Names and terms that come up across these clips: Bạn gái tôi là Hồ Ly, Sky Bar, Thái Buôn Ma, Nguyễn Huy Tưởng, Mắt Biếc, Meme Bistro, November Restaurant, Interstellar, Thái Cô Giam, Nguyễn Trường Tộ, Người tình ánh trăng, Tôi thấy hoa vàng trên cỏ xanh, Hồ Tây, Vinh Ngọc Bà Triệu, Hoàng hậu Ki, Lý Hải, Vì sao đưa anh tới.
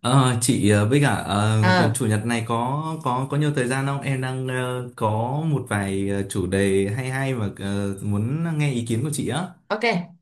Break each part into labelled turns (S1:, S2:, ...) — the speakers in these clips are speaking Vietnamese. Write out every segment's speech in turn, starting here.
S1: Chị,
S2: ờ
S1: chủ nhật này có nhiều thời gian không? Em đang có một vài chủ đề hay hay mà muốn nghe ý kiến của chị á.
S2: ok,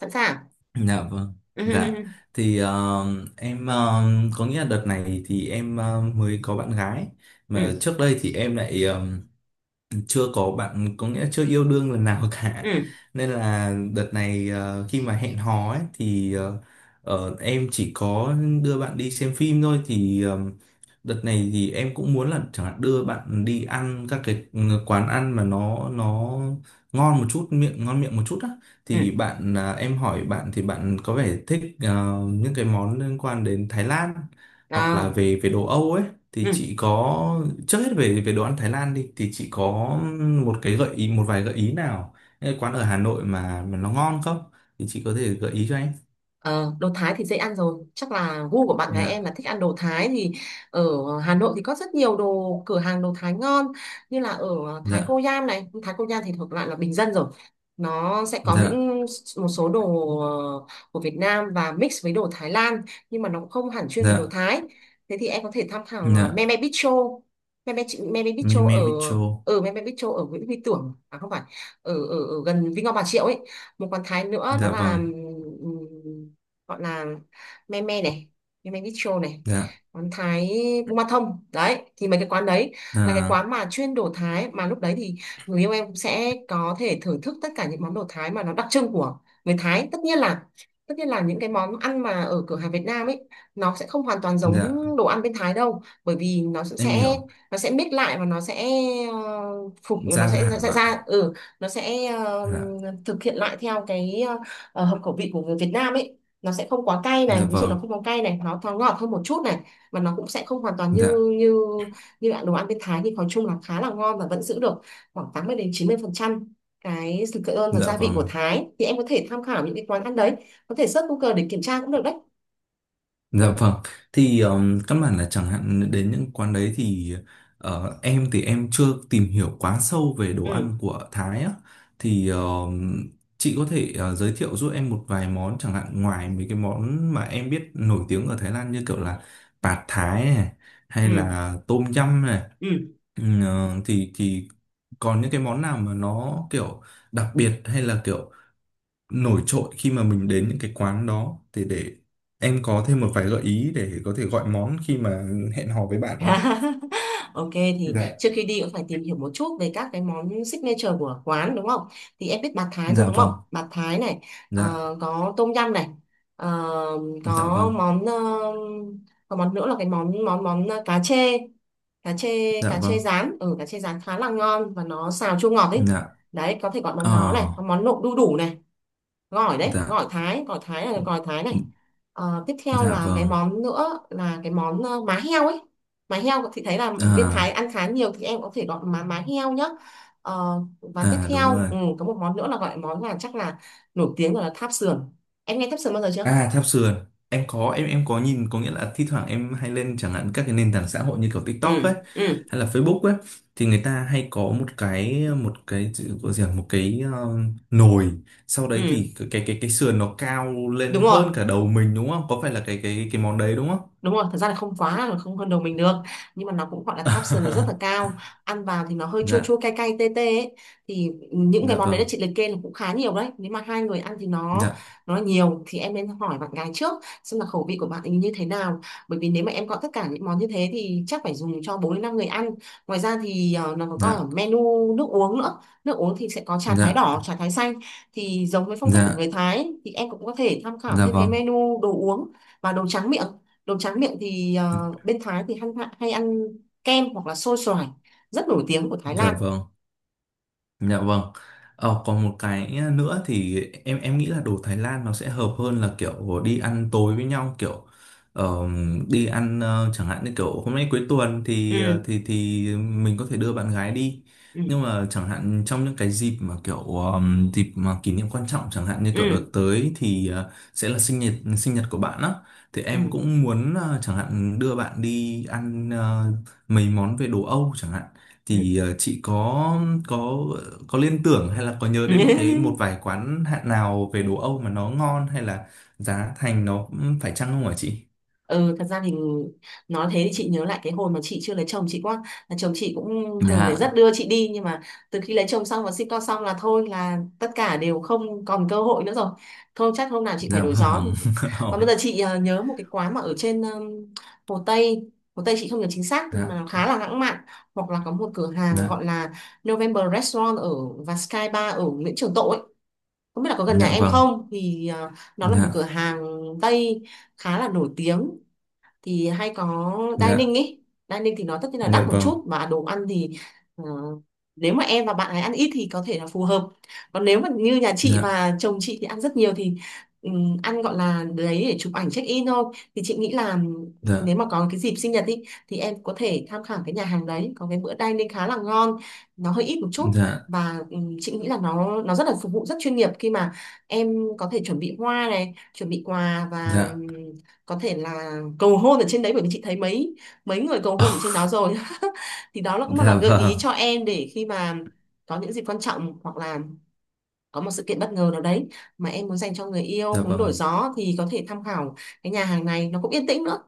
S2: sẵn sàng.
S1: Dạ vâng.
S2: Ừ,
S1: Dạ.
S2: ừ,
S1: Thì ờ, em có nghĩa là đợt này thì em mới có bạn gái,
S2: ừ,
S1: mà trước đây thì em lại chưa có bạn, có nghĩa chưa yêu đương lần nào cả,
S2: ừ,
S1: nên là đợt này khi mà hẹn hò ấy thì em chỉ có đưa bạn đi xem phim thôi. Đợt này thì em cũng muốn là chẳng hạn đưa bạn đi ăn các cái quán ăn mà nó ngon một chút, miệng ngon miệng một chút á.
S2: ừ,
S1: Thì
S2: ừ.
S1: bạn à, em hỏi bạn thì bạn có vẻ thích những cái món liên quan đến Thái Lan hoặc là
S2: Đó.
S1: về về đồ Âu ấy. Thì
S2: Ừ.
S1: chị có, trước hết về về đồ ăn Thái Lan đi, thì chị có một cái gợi ý, một vài gợi ý nào những cái quán ở Hà Nội mà nó ngon không, thì chị có thể gợi ý cho em.
S2: Ờ, đồ Thái thì dễ ăn rồi, chắc là gu của bạn gái
S1: Dạ.
S2: em là thích ăn đồ Thái thì ở Hà Nội thì có rất nhiều đồ cửa hàng đồ Thái ngon, như là ở Thái Cô
S1: Dạ.
S2: Giam này. Thái Cô Giam thì thuộc loại là bình dân rồi, nó sẽ có
S1: Dạ.
S2: những một số đồ ờ, của Việt Nam và mix với đồ Thái Lan, nhưng mà nó cũng không hẳn chuyên về đồ
S1: Dạ.
S2: Thái. Thế thì em có thể tham khảo
S1: Dạ.
S2: Meme Bistro, Meme, Meme
S1: Me
S2: Bistro
S1: me
S2: ở
S1: bicho.
S2: ở Meme Bistro ở Nguyễn Huy Tưởng, à không phải, ở ở, ở gần Vinh Ngọc Bà Triệu ấy. Một quán Thái nữa đó
S1: Dạ
S2: là
S1: vâng.
S2: ừm, gọi là me me này, me me bistro này,
S1: Dạ.
S2: quán Thái Buôn Ma thông đấy. Thì mấy cái quán đấy là cái
S1: À,
S2: quán mà chuyên đồ Thái, mà lúc đấy thì người yêu em cũng sẽ có thể thưởng thức tất cả những món đồ Thái mà nó đặc trưng của người Thái. Tất nhiên là tất nhiên là những cái món ăn mà ở cửa hàng Việt Nam ấy nó sẽ không hoàn toàn giống
S1: dạ.
S2: đồ ăn bên Thái đâu, bởi vì nó sẽ
S1: Em
S2: sẽ-
S1: hiểu.
S2: nó sẽ mix lại và nó sẽ phục nó
S1: Gia
S2: sẽ ra,
S1: giảm
S2: ra,
S1: lại.
S2: ừ, nó sẽ
S1: Dạ.
S2: thực hiện lại theo cái hợp khẩu vị của người Việt Nam ấy. Nó sẽ không quá cay
S1: Dạ
S2: này, ví dụ nó
S1: vâng.
S2: không có cay này, nó thoáng ngọt hơn một chút này, và nó cũng sẽ không hoàn toàn
S1: Dạ.
S2: như như như ạ, đồ ăn bên Thái thì nói chung là khá là ngon và vẫn giữ được khoảng 80-90% cái sự cơ ơn và
S1: Dạ
S2: gia vị của
S1: vâng.
S2: Thái, thì em có thể tham khảo những cái quán ăn đấy, có thể search Google để kiểm tra cũng được đấy.
S1: Dạ vâng, thì căn bản là chẳng hạn đến những quán đấy thì em thì em chưa tìm hiểu quá sâu về đồ
S2: Ừ,
S1: ăn của Thái á, thì chị có thể giới thiệu giúp em một vài món chẳng hạn, ngoài mấy cái món mà em biết nổi tiếng ở Thái Lan như kiểu là Pad Thái này hay
S2: ừ,
S1: là Tom Yum này.
S2: ừ.
S1: Thì còn những cái món nào mà nó kiểu đặc biệt hay là kiểu nổi trội khi mà mình đến những cái quán đó, thì để em có thêm một vài gợi ý để có thể gọi món khi mà hẹn hò với bạn à?
S2: Ok, thì
S1: Dạ.
S2: trước khi đi cũng phải tìm hiểu một chút về các cái món signature của quán đúng không? Thì em biết bạt Thái rồi
S1: Dạ
S2: đúng không?
S1: vâng.
S2: Bạt Thái này,
S1: Dạ.
S2: có tôm yum này, ờ,
S1: Dạ
S2: có
S1: vâng.
S2: món, có món nữa là cái món món món cá chê, cá chê,
S1: Dạ
S2: cá chê
S1: vâng.
S2: rán. Ừ, cá chê rán khá là ngon và nó xào chua ngọt ấy.
S1: Dạ.
S2: Đấy, có thể gọi món
S1: Ờ.
S2: đó này, có món nộm đu đủ này, gỏi đấy,
S1: Dạ.
S2: gỏi Thái, gỏi Thái là gỏi Thái này. Tiếp theo
S1: Dạ
S2: là cái
S1: vâng.
S2: món nữa là cái món má heo ấy. Má heo thì thấy là bên Thái
S1: À.
S2: ăn khá nhiều, thì em có thể gọi má má heo nhá. Ờ, và tiếp
S1: À
S2: theo,
S1: đúng rồi.
S2: ừ, có một món nữa là gọi món là chắc là nổi tiếng gọi là tháp sườn. Em nghe tháp sườn bao giờ chưa?
S1: À theo sườn, em có, em có nhìn, có nghĩa là thi thoảng em hay lên chẳng hạn các cái nền tảng xã hội như kiểu TikTok ấy
S2: Ừ, ừ,
S1: hay là Facebook ấy, thì người ta hay có một cái, một cái chữ- gọi gì à, một cái ờ, nồi, sau đấy
S2: ừ,
S1: thì cái sườn nó cao lên
S2: đúng rồi,
S1: hơn cả đầu mình đúng không? Có phải là cái món đấy đúng không?
S2: đúng rồi. Thật ra là không quá là không hơn đầu mình được, nhưng mà nó cũng gọi là caption nó rất là cao, ăn vào thì nó hơi chua
S1: Dạ.
S2: chua cay cay tê tê ấy. Thì những cái
S1: Dạ
S2: món đấy
S1: vâng.
S2: là chị liệt kê là cũng khá nhiều đấy, nếu mà hai người ăn thì
S1: Dạ.
S2: nó nhiều, thì em nên hỏi bạn gái trước xem là khẩu vị của bạn ấy như thế nào. Bởi vì nếu mà em gọi tất cả những món như thế thì chắc phải dùng cho bốn đến năm người ăn. Ngoài ra thì nó còn có ở
S1: Dạ.
S2: menu nước uống nữa. Nước uống thì sẽ có trà thái
S1: Dạ.
S2: đỏ, trà thái xanh, thì giống với phong cách của
S1: Dạ.
S2: người Thái ấy, thì em cũng có thể tham khảo
S1: Dạ
S2: thêm cái
S1: vâng.
S2: menu đồ uống và đồ tráng miệng. Đồ tráng miệng thì bên Thái thì hay, hay ăn kem hoặc là xôi xoài, rất nổi tiếng của Thái
S1: Dạ
S2: Lan.
S1: vâng. Dạ vâng. Ờ, còn một cái nữa thì em nghĩ là đồ Thái Lan nó sẽ hợp hơn là kiểu đi ăn tối với nhau kiểu ờ, đi ăn chẳng hạn như kiểu hôm nay cuối tuần thì ờ,
S2: Ừ,
S1: thì thì mình có thể đưa bạn gái đi.
S2: ừ,
S1: Nhưng mà chẳng hạn trong những cái dịp mà kiểu dịp mà kỷ niệm quan trọng, chẳng hạn như kiểu đợt
S2: ừ,
S1: tới thì sẽ là sinh nhật của bạn á, thì
S2: ừ,
S1: em cũng muốn chẳng hạn đưa bạn đi ăn mấy món về đồ Âu chẳng hạn.
S2: ừ.
S1: Thì chị có, có có liên tưởng hay là có nhớ
S2: Ừ.
S1: đến một cái, một vài quán hạn nào về đồ Âu mà nó ngon hay là giá thành nó phải chăng không hả chị?
S2: Ừ, thật ra thì nói thế thì chị nhớ lại cái hồi mà chị chưa lấy chồng, chị quá là chồng chị cũng thường lại rất
S1: Dạ.
S2: đưa chị đi, nhưng mà từ khi lấy chồng xong và sinh con xong là thôi là tất cả đều không còn cơ hội nữa rồi. Thôi chắc hôm nào chị phải
S1: Dạ
S2: đổi gió.
S1: vâng.
S2: Còn bây
S1: Ôi.
S2: giờ chị nhớ một cái quán mà ở trên Hồ Tây. Hồ Tây chị không nhớ chính xác nhưng
S1: Dạ.
S2: mà nó khá là lãng mạn, hoặc là có một cửa hàng
S1: Dạ.
S2: gọi là November Restaurant ở và Sky Bar ở Nguyễn Trường Tộ ấy. Không biết là có gần nhà
S1: Dạ
S2: em
S1: vâng.
S2: không thì nó là một
S1: Dạ.
S2: cửa hàng Tây khá là nổi tiếng, thì hay có
S1: Dạ.
S2: dining ý. Dining thì nó tất nhiên là
S1: Dạ
S2: đắt một
S1: vâng.
S2: chút mà đồ ăn thì ờ, nếu mà em và bạn ấy ăn ít thì có thể là phù hợp, còn nếu mà như nhà chị
S1: Dạ.
S2: và chồng chị thì ăn rất nhiều thì ăn gọi là đấy để chụp ảnh check in thôi. Thì chị nghĩ là nếu
S1: Dạ.
S2: mà có cái dịp sinh nhật đi thì em có thể tham khảo cái nhà hàng đấy có cái bữa dining khá là ngon, nó hơi ít một chút. Và chị nghĩ là nó rất là phục vụ rất chuyên nghiệp khi mà em có thể chuẩn bị hoa này chuẩn bị quà, và
S1: Dạ. Dạ.
S2: có thể là cầu hôn ở trên đấy, bởi vì chị thấy mấy mấy người cầu hôn ở trên đó rồi. Thì đó là cũng một là
S1: Dạ
S2: gợi ý
S1: vâng.
S2: cho em, để khi mà có những dịp quan trọng hoặc là có một sự kiện bất ngờ nào đấy mà em muốn dành cho người yêu
S1: Dạ
S2: muốn đổi
S1: vâng.
S2: gió thì có thể tham khảo cái nhà hàng này, nó cũng yên tĩnh nữa.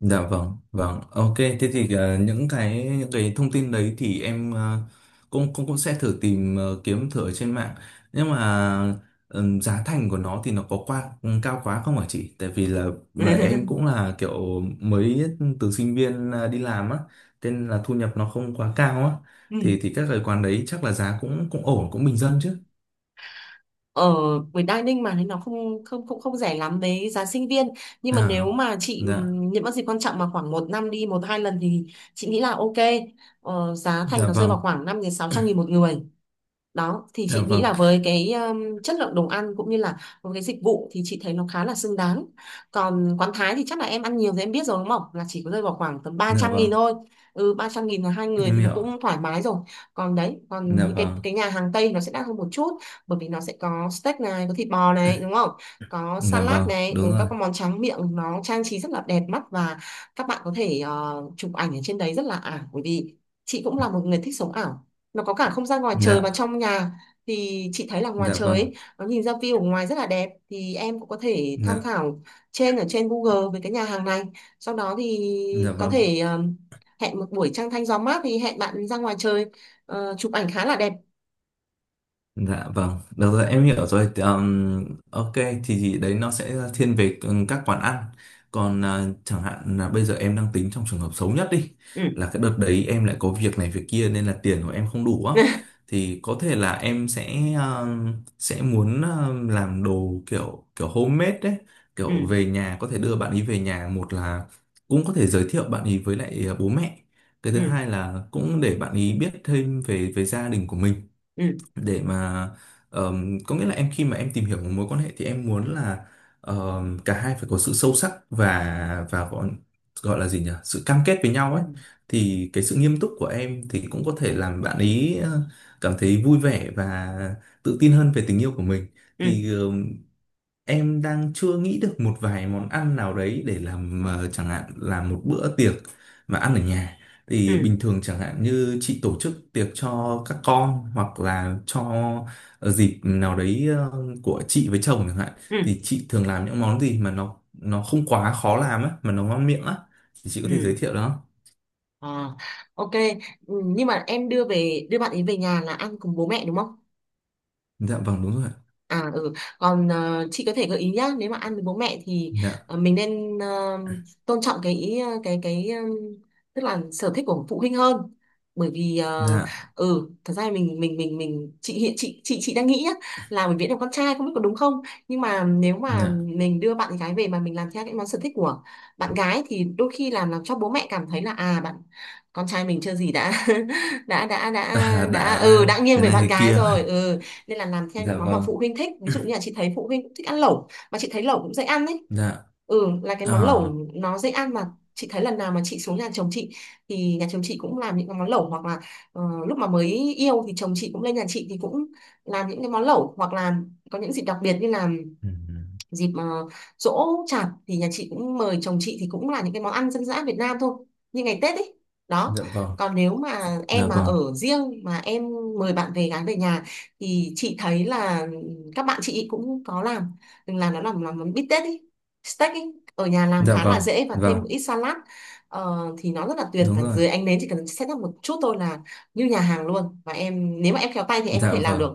S1: Dạ vâng, vâng. Ok, thế thì những cái, những cái thông tin đấy thì em cũng cũng cũng sẽ thử tìm kiếm thử ở trên mạng. Nhưng mà giá thành của nó thì nó có qua cao quá không hả chị? Tại vì là mà em cũng là kiểu mới từ sinh viên đi làm á, thế nên là thu nhập nó không quá cao á.
S2: Ừ.
S1: Thì các cái quán đấy chắc là giá cũng cũng ổn, cũng bình dân chứ.
S2: Ở với dining mà nên nó không không không không rẻ lắm với giá sinh viên, nhưng mà nếu
S1: À.
S2: mà chị
S1: Dạ.
S2: những cái dịp quan trọng mà khoảng một năm đi một hai lần thì chị nghĩ là ok. Giá thành
S1: Dạ
S2: nó rơi vào
S1: vâng.
S2: khoảng 500-600 nghìn một người. Đó thì
S1: Dạ
S2: chị nghĩ
S1: vâng.
S2: là với cái chất lượng đồ ăn cũng như là với cái dịch vụ thì chị thấy nó khá là xứng đáng. Còn quán Thái thì chắc là em ăn nhiều thì em biết rồi đúng không, là chỉ có rơi vào khoảng tầm ba
S1: Dạ
S2: trăm
S1: vâng.
S2: nghìn thôi. Ừ, 300 nghìn là hai người
S1: Em
S2: thì nó
S1: hiểu.
S2: cũng thoải mái rồi. Còn đấy còn
S1: Dạ
S2: những
S1: vâng.
S2: cái nhà hàng Tây nó sẽ đắt hơn một chút, bởi vì nó sẽ có steak này, có thịt bò này đúng không, có
S1: Dạ
S2: salad
S1: vâng,
S2: này,
S1: đúng
S2: ừ, các
S1: rồi.
S2: cái món tráng miệng nó trang trí rất là đẹp mắt. Và các bạn có thể chụp ảnh ở trên đấy rất là ảo, bởi vì chị cũng là một người thích sống ảo. Nó có cả không gian ngoài trời và
S1: Dạ.
S2: trong nhà, thì chị thấy là ngoài
S1: Dạ
S2: trời
S1: vâng.
S2: ấy, nó nhìn ra view ở ngoài rất là đẹp, thì em cũng có thể tham
S1: Dạ.
S2: khảo trên ở trên Google về cái nhà hàng này, sau đó thì
S1: Dạ
S2: có
S1: vâng.
S2: thể hẹn một buổi trăng thanh gió mát thì hẹn bạn ra ngoài trời chụp ảnh khá là đẹp.
S1: Dạ vâng, được rồi, em hiểu rồi. Thì ok, thì đấy nó sẽ thiên về các quán ăn. Còn à, chẳng hạn là bây giờ em đang tính trong trường hợp xấu nhất đi,
S2: Ừ.
S1: là cái đợt đấy em lại có việc này việc kia nên là tiền của em không đủ á, thì có thể là em sẽ muốn làm đồ kiểu kiểu homemade đấy,
S2: Ừ,
S1: kiểu về nhà có thể đưa bạn ấy về nhà, một là cũng có thể giới thiệu bạn ấy với lại à, bố mẹ. Cái thứ
S2: ừ,
S1: hai là cũng để bạn ấy biết thêm về về gia đình của mình
S2: ừ,
S1: để mà có nghĩa là em, khi mà em tìm hiểu một mối quan hệ thì em muốn là cả hai phải có sự sâu sắc và gọi gọi là gì nhỉ sự cam kết với nhau
S2: ừ,
S1: ấy, thì cái sự nghiêm túc của em thì cũng có thể làm bạn ấy cảm thấy vui vẻ và tự tin hơn về tình yêu của mình.
S2: ừ,
S1: Thì em đang chưa nghĩ được một vài món ăn nào đấy để làm chẳng hạn là một bữa tiệc mà ăn ở nhà.
S2: ừ,
S1: Thì
S2: ừ,
S1: bình thường chẳng hạn như chị tổ chức tiệc cho các con hoặc là cho dịp nào đấy của chị với chồng chẳng hạn,
S2: ừ,
S1: thì chị thường làm những món gì mà nó không quá khó làm á mà nó ngon miệng á, thì chị có
S2: ừ.
S1: thể giới thiệu đó.
S2: À, ok. Ừ, nhưng mà em đưa về đưa bạn ấy về nhà là ăn cùng bố mẹ đúng không?
S1: Dạ vâng đúng rồi ạ.
S2: À ừ, còn chị có thể gợi ý nhá, nếu mà ăn với bố mẹ thì
S1: Dạ.
S2: mình nên tôn trọng cái ý, cái tức là sở thích của phụ huynh hơn. Bởi vì
S1: Dạ.
S2: ừ, thật ra mình chị hiện chị đang nghĩ nhá, là mình Viễn là con trai không biết có đúng không, nhưng mà nếu mà
S1: Dạ.
S2: mình đưa bạn gái về mà mình làm theo những món sở thích của bạn gái thì đôi khi làm cho bố mẹ cảm thấy là à bạn con trai mình chưa gì đã đã đã đã
S1: À,
S2: đã ừ
S1: đã
S2: đã nghiêng
S1: thế
S2: về
S1: này
S2: bạn
S1: thế
S2: gái
S1: kia rồi.
S2: rồi. Ừ, nên là làm theo những
S1: Dạ
S2: món mà
S1: vâng.
S2: phụ huynh thích, ví dụ như là chị thấy phụ huynh cũng thích ăn lẩu mà chị thấy lẩu cũng dễ ăn đấy,
S1: Dạ.
S2: ừ là cái món
S1: À.
S2: lẩu nó dễ ăn mà. Chị thấy lần nào mà chị xuống nhà chồng chị thì nhà chồng chị cũng làm những cái món lẩu, hoặc là ờ, lúc mà mới yêu thì chồng chị cũng lên nhà chị thì cũng làm những cái món lẩu, hoặc là có những dịp đặc biệt như là
S1: Ừ.
S2: dịp uh, giỗ chạp thì nhà chị cũng mời chồng chị thì cũng là những cái món ăn dân dã Việt Nam thôi, như ngày Tết ấy. Đó,
S1: Dạ vâng.
S2: còn nếu mà
S1: Dạ
S2: em mà
S1: vâng.
S2: ở riêng mà em mời bạn về gái về nhà thì chị thấy là các bạn chị cũng có làm nó làm món bít tết ấy, steak ấy. Ở nhà làm
S1: Dạ
S2: khá
S1: vâng,
S2: là dễ và thêm
S1: vâng,
S2: một ít salad. Thì nó rất là tuyệt,
S1: đúng
S2: và
S1: rồi.
S2: dưới ánh nến chỉ cần set up một chút thôi là như nhà hàng luôn, và em nếu mà em khéo tay thì em có
S1: Dạ
S2: thể làm được.
S1: vâng,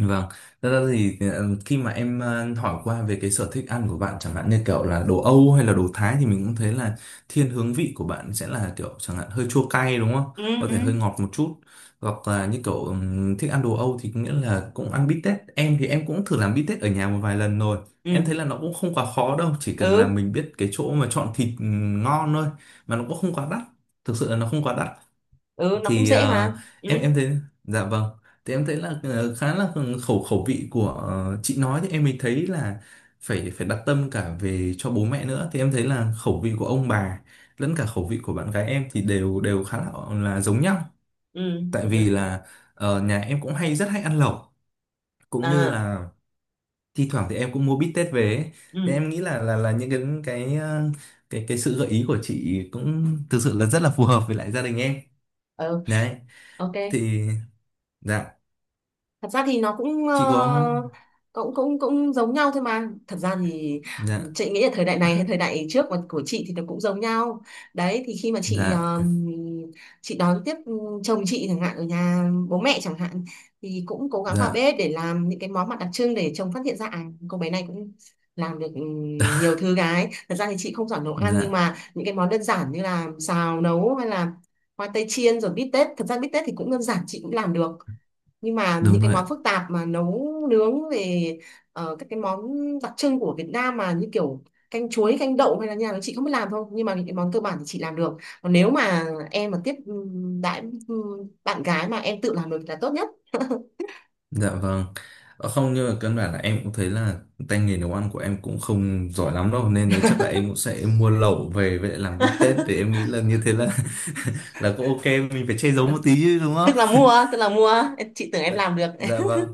S1: vâng. Thật ra thì khi mà em hỏi qua về cái sở thích ăn của bạn chẳng hạn như kiểu là đồ Âu hay là đồ Thái thì mình cũng thấy là thiên hướng vị của bạn sẽ là kiểu chẳng hạn hơi chua cay đúng không?
S2: Ừ,
S1: Có
S2: ừ,
S1: thể hơi ngọt một chút. Hoặc là như kiểu thích ăn đồ Âu thì có nghĩa là cũng ăn bít tết. Em thì em cũng thử làm bít tết ở nhà một vài lần rồi.
S2: ừ,
S1: Em thấy là nó cũng không quá khó đâu, chỉ cần là
S2: ừ,
S1: mình biết cái chỗ mà chọn thịt ngon thôi, mà nó cũng không quá đắt. Thực sự là nó không quá đắt.
S2: ừ, nó cũng
S1: Thì
S2: dễ mà.
S1: ờ,
S2: Ừ,
S1: em em thấy, dạ vâng, thì em thấy là khá là khẩu khẩu vị của chị nói thì em mới thấy là phải phải đặt tâm cả về cho bố mẹ nữa, thì em thấy là khẩu vị của ông bà lẫn cả khẩu vị của bạn gái em thì đều đều khá là giống nhau.
S2: ừ.
S1: Tại vì là nhà em cũng rất hay ăn lẩu, cũng như
S2: À,
S1: là thi thoảng thì em cũng mua bít tết về ấy.
S2: ừ,
S1: Thì em nghĩ là là những cái, cái ờ, cái sự gợi ý của chị cũng thực sự là rất là phù hợp với lại gia đình em
S2: ừ,
S1: đấy.
S2: ok.
S1: Thì dạ,
S2: Thật ra thì nó cũng
S1: chị có,
S2: cũng cũng cũng giống nhau thôi mà, thật ra thì
S1: dạ,
S2: chị nghĩ là thời đại này hay thời đại trước mà của chị thì nó cũng giống nhau. Đấy, thì khi mà chị
S1: dạ,
S2: chị đón tiếp chồng chị chẳng hạn ở nhà bố mẹ chẳng hạn, thì cũng cố gắng vào
S1: dạ,
S2: bếp để làm những cái món mặt đặc trưng để chồng phát hiện ra à cô bé này cũng làm được, ừ, nhiều thứ gái. Thật ra thì chị không giỏi nấu ăn,
S1: dạ
S2: nhưng mà những cái món đơn giản như là xào nấu hay là khoai tây chiên rồi bít tết, thật ra bít tết thì cũng đơn giản chị cũng làm được, nhưng mà những
S1: đúng
S2: cái
S1: rồi ạ,
S2: món phức tạp mà nấu nướng về các cái món đặc trưng của Việt Nam mà như kiểu canh chuối canh đậu hay là như nào chị không biết làm thôi, nhưng mà những cái món cơ bản thì chị làm được. Còn nếu mà em mà tiếp đãi bạn gái mà em tự làm được là tốt nhất.
S1: dạ vâng. Ờ, không nhưng mà căn bản là em cũng thấy là tay nghề nấu ăn của em cũng không giỏi lắm đâu, nên là chắc là em cũng sẽ mua lẩu về với lại làm bít tết. Để em nghĩ là như thế là là cũng ok, mình phải che giấu một tí chứ đúng không?
S2: Tức là mua, chị tưởng em
S1: Dạ.
S2: làm được.
S1: Dạ vâng.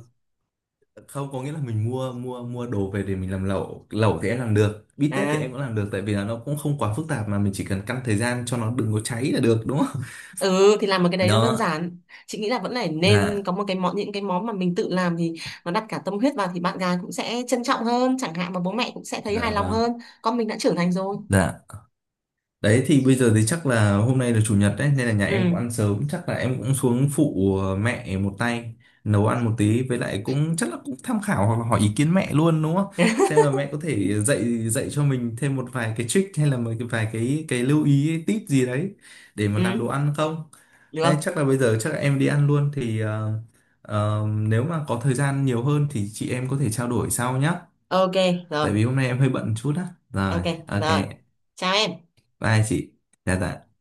S1: Không, có nghĩa là mình mua mua mua đồ về để mình làm lẩu, lẩu thì em làm được, bít tết thì
S2: À
S1: em cũng làm được, tại vì là nó cũng không quá phức tạp, mà mình chỉ cần căn thời gian cho nó đừng có cháy là được đúng không.
S2: ừ, thì làm một cái đấy nó đơn
S1: Đó.
S2: giản. Chị nghĩ là vẫn phải nên
S1: Dạ.
S2: có một cái món, những cái món mà mình tự làm thì nó đặt cả tâm huyết vào thì bạn gái cũng sẽ trân trọng hơn chẳng hạn, mà bố mẹ cũng sẽ thấy hài
S1: Dạ
S2: lòng
S1: vâng.
S2: hơn, con mình đã trưởng thành rồi.
S1: Dạ. Đấy thì bây giờ thì chắc là hôm nay là chủ nhật đấy, nên là nhà em cũng
S2: Ừ,
S1: ăn sớm, chắc là em cũng xuống phụ mẹ một tay nấu ăn một tí, với lại cũng chắc là cũng tham khảo hoặc là hỏi ý kiến mẹ luôn đúng không? Xem là mẹ có thể dạy dạy cho mình thêm một vài cái trick hay là một cái vài cái lưu ý, tip gì đấy để mà
S2: ừ,
S1: làm đồ ăn không? Đấy,
S2: được,
S1: chắc là bây giờ chắc là em đi ăn luôn, thì nếu mà có thời gian nhiều hơn thì chị em có thể trao đổi sau nhá.
S2: ok rồi,
S1: Tại vì hôm nay em hơi bận chút á. Rồi,
S2: ok
S1: ok.
S2: rồi, chào em.
S1: Bye chị. Dạ dạ.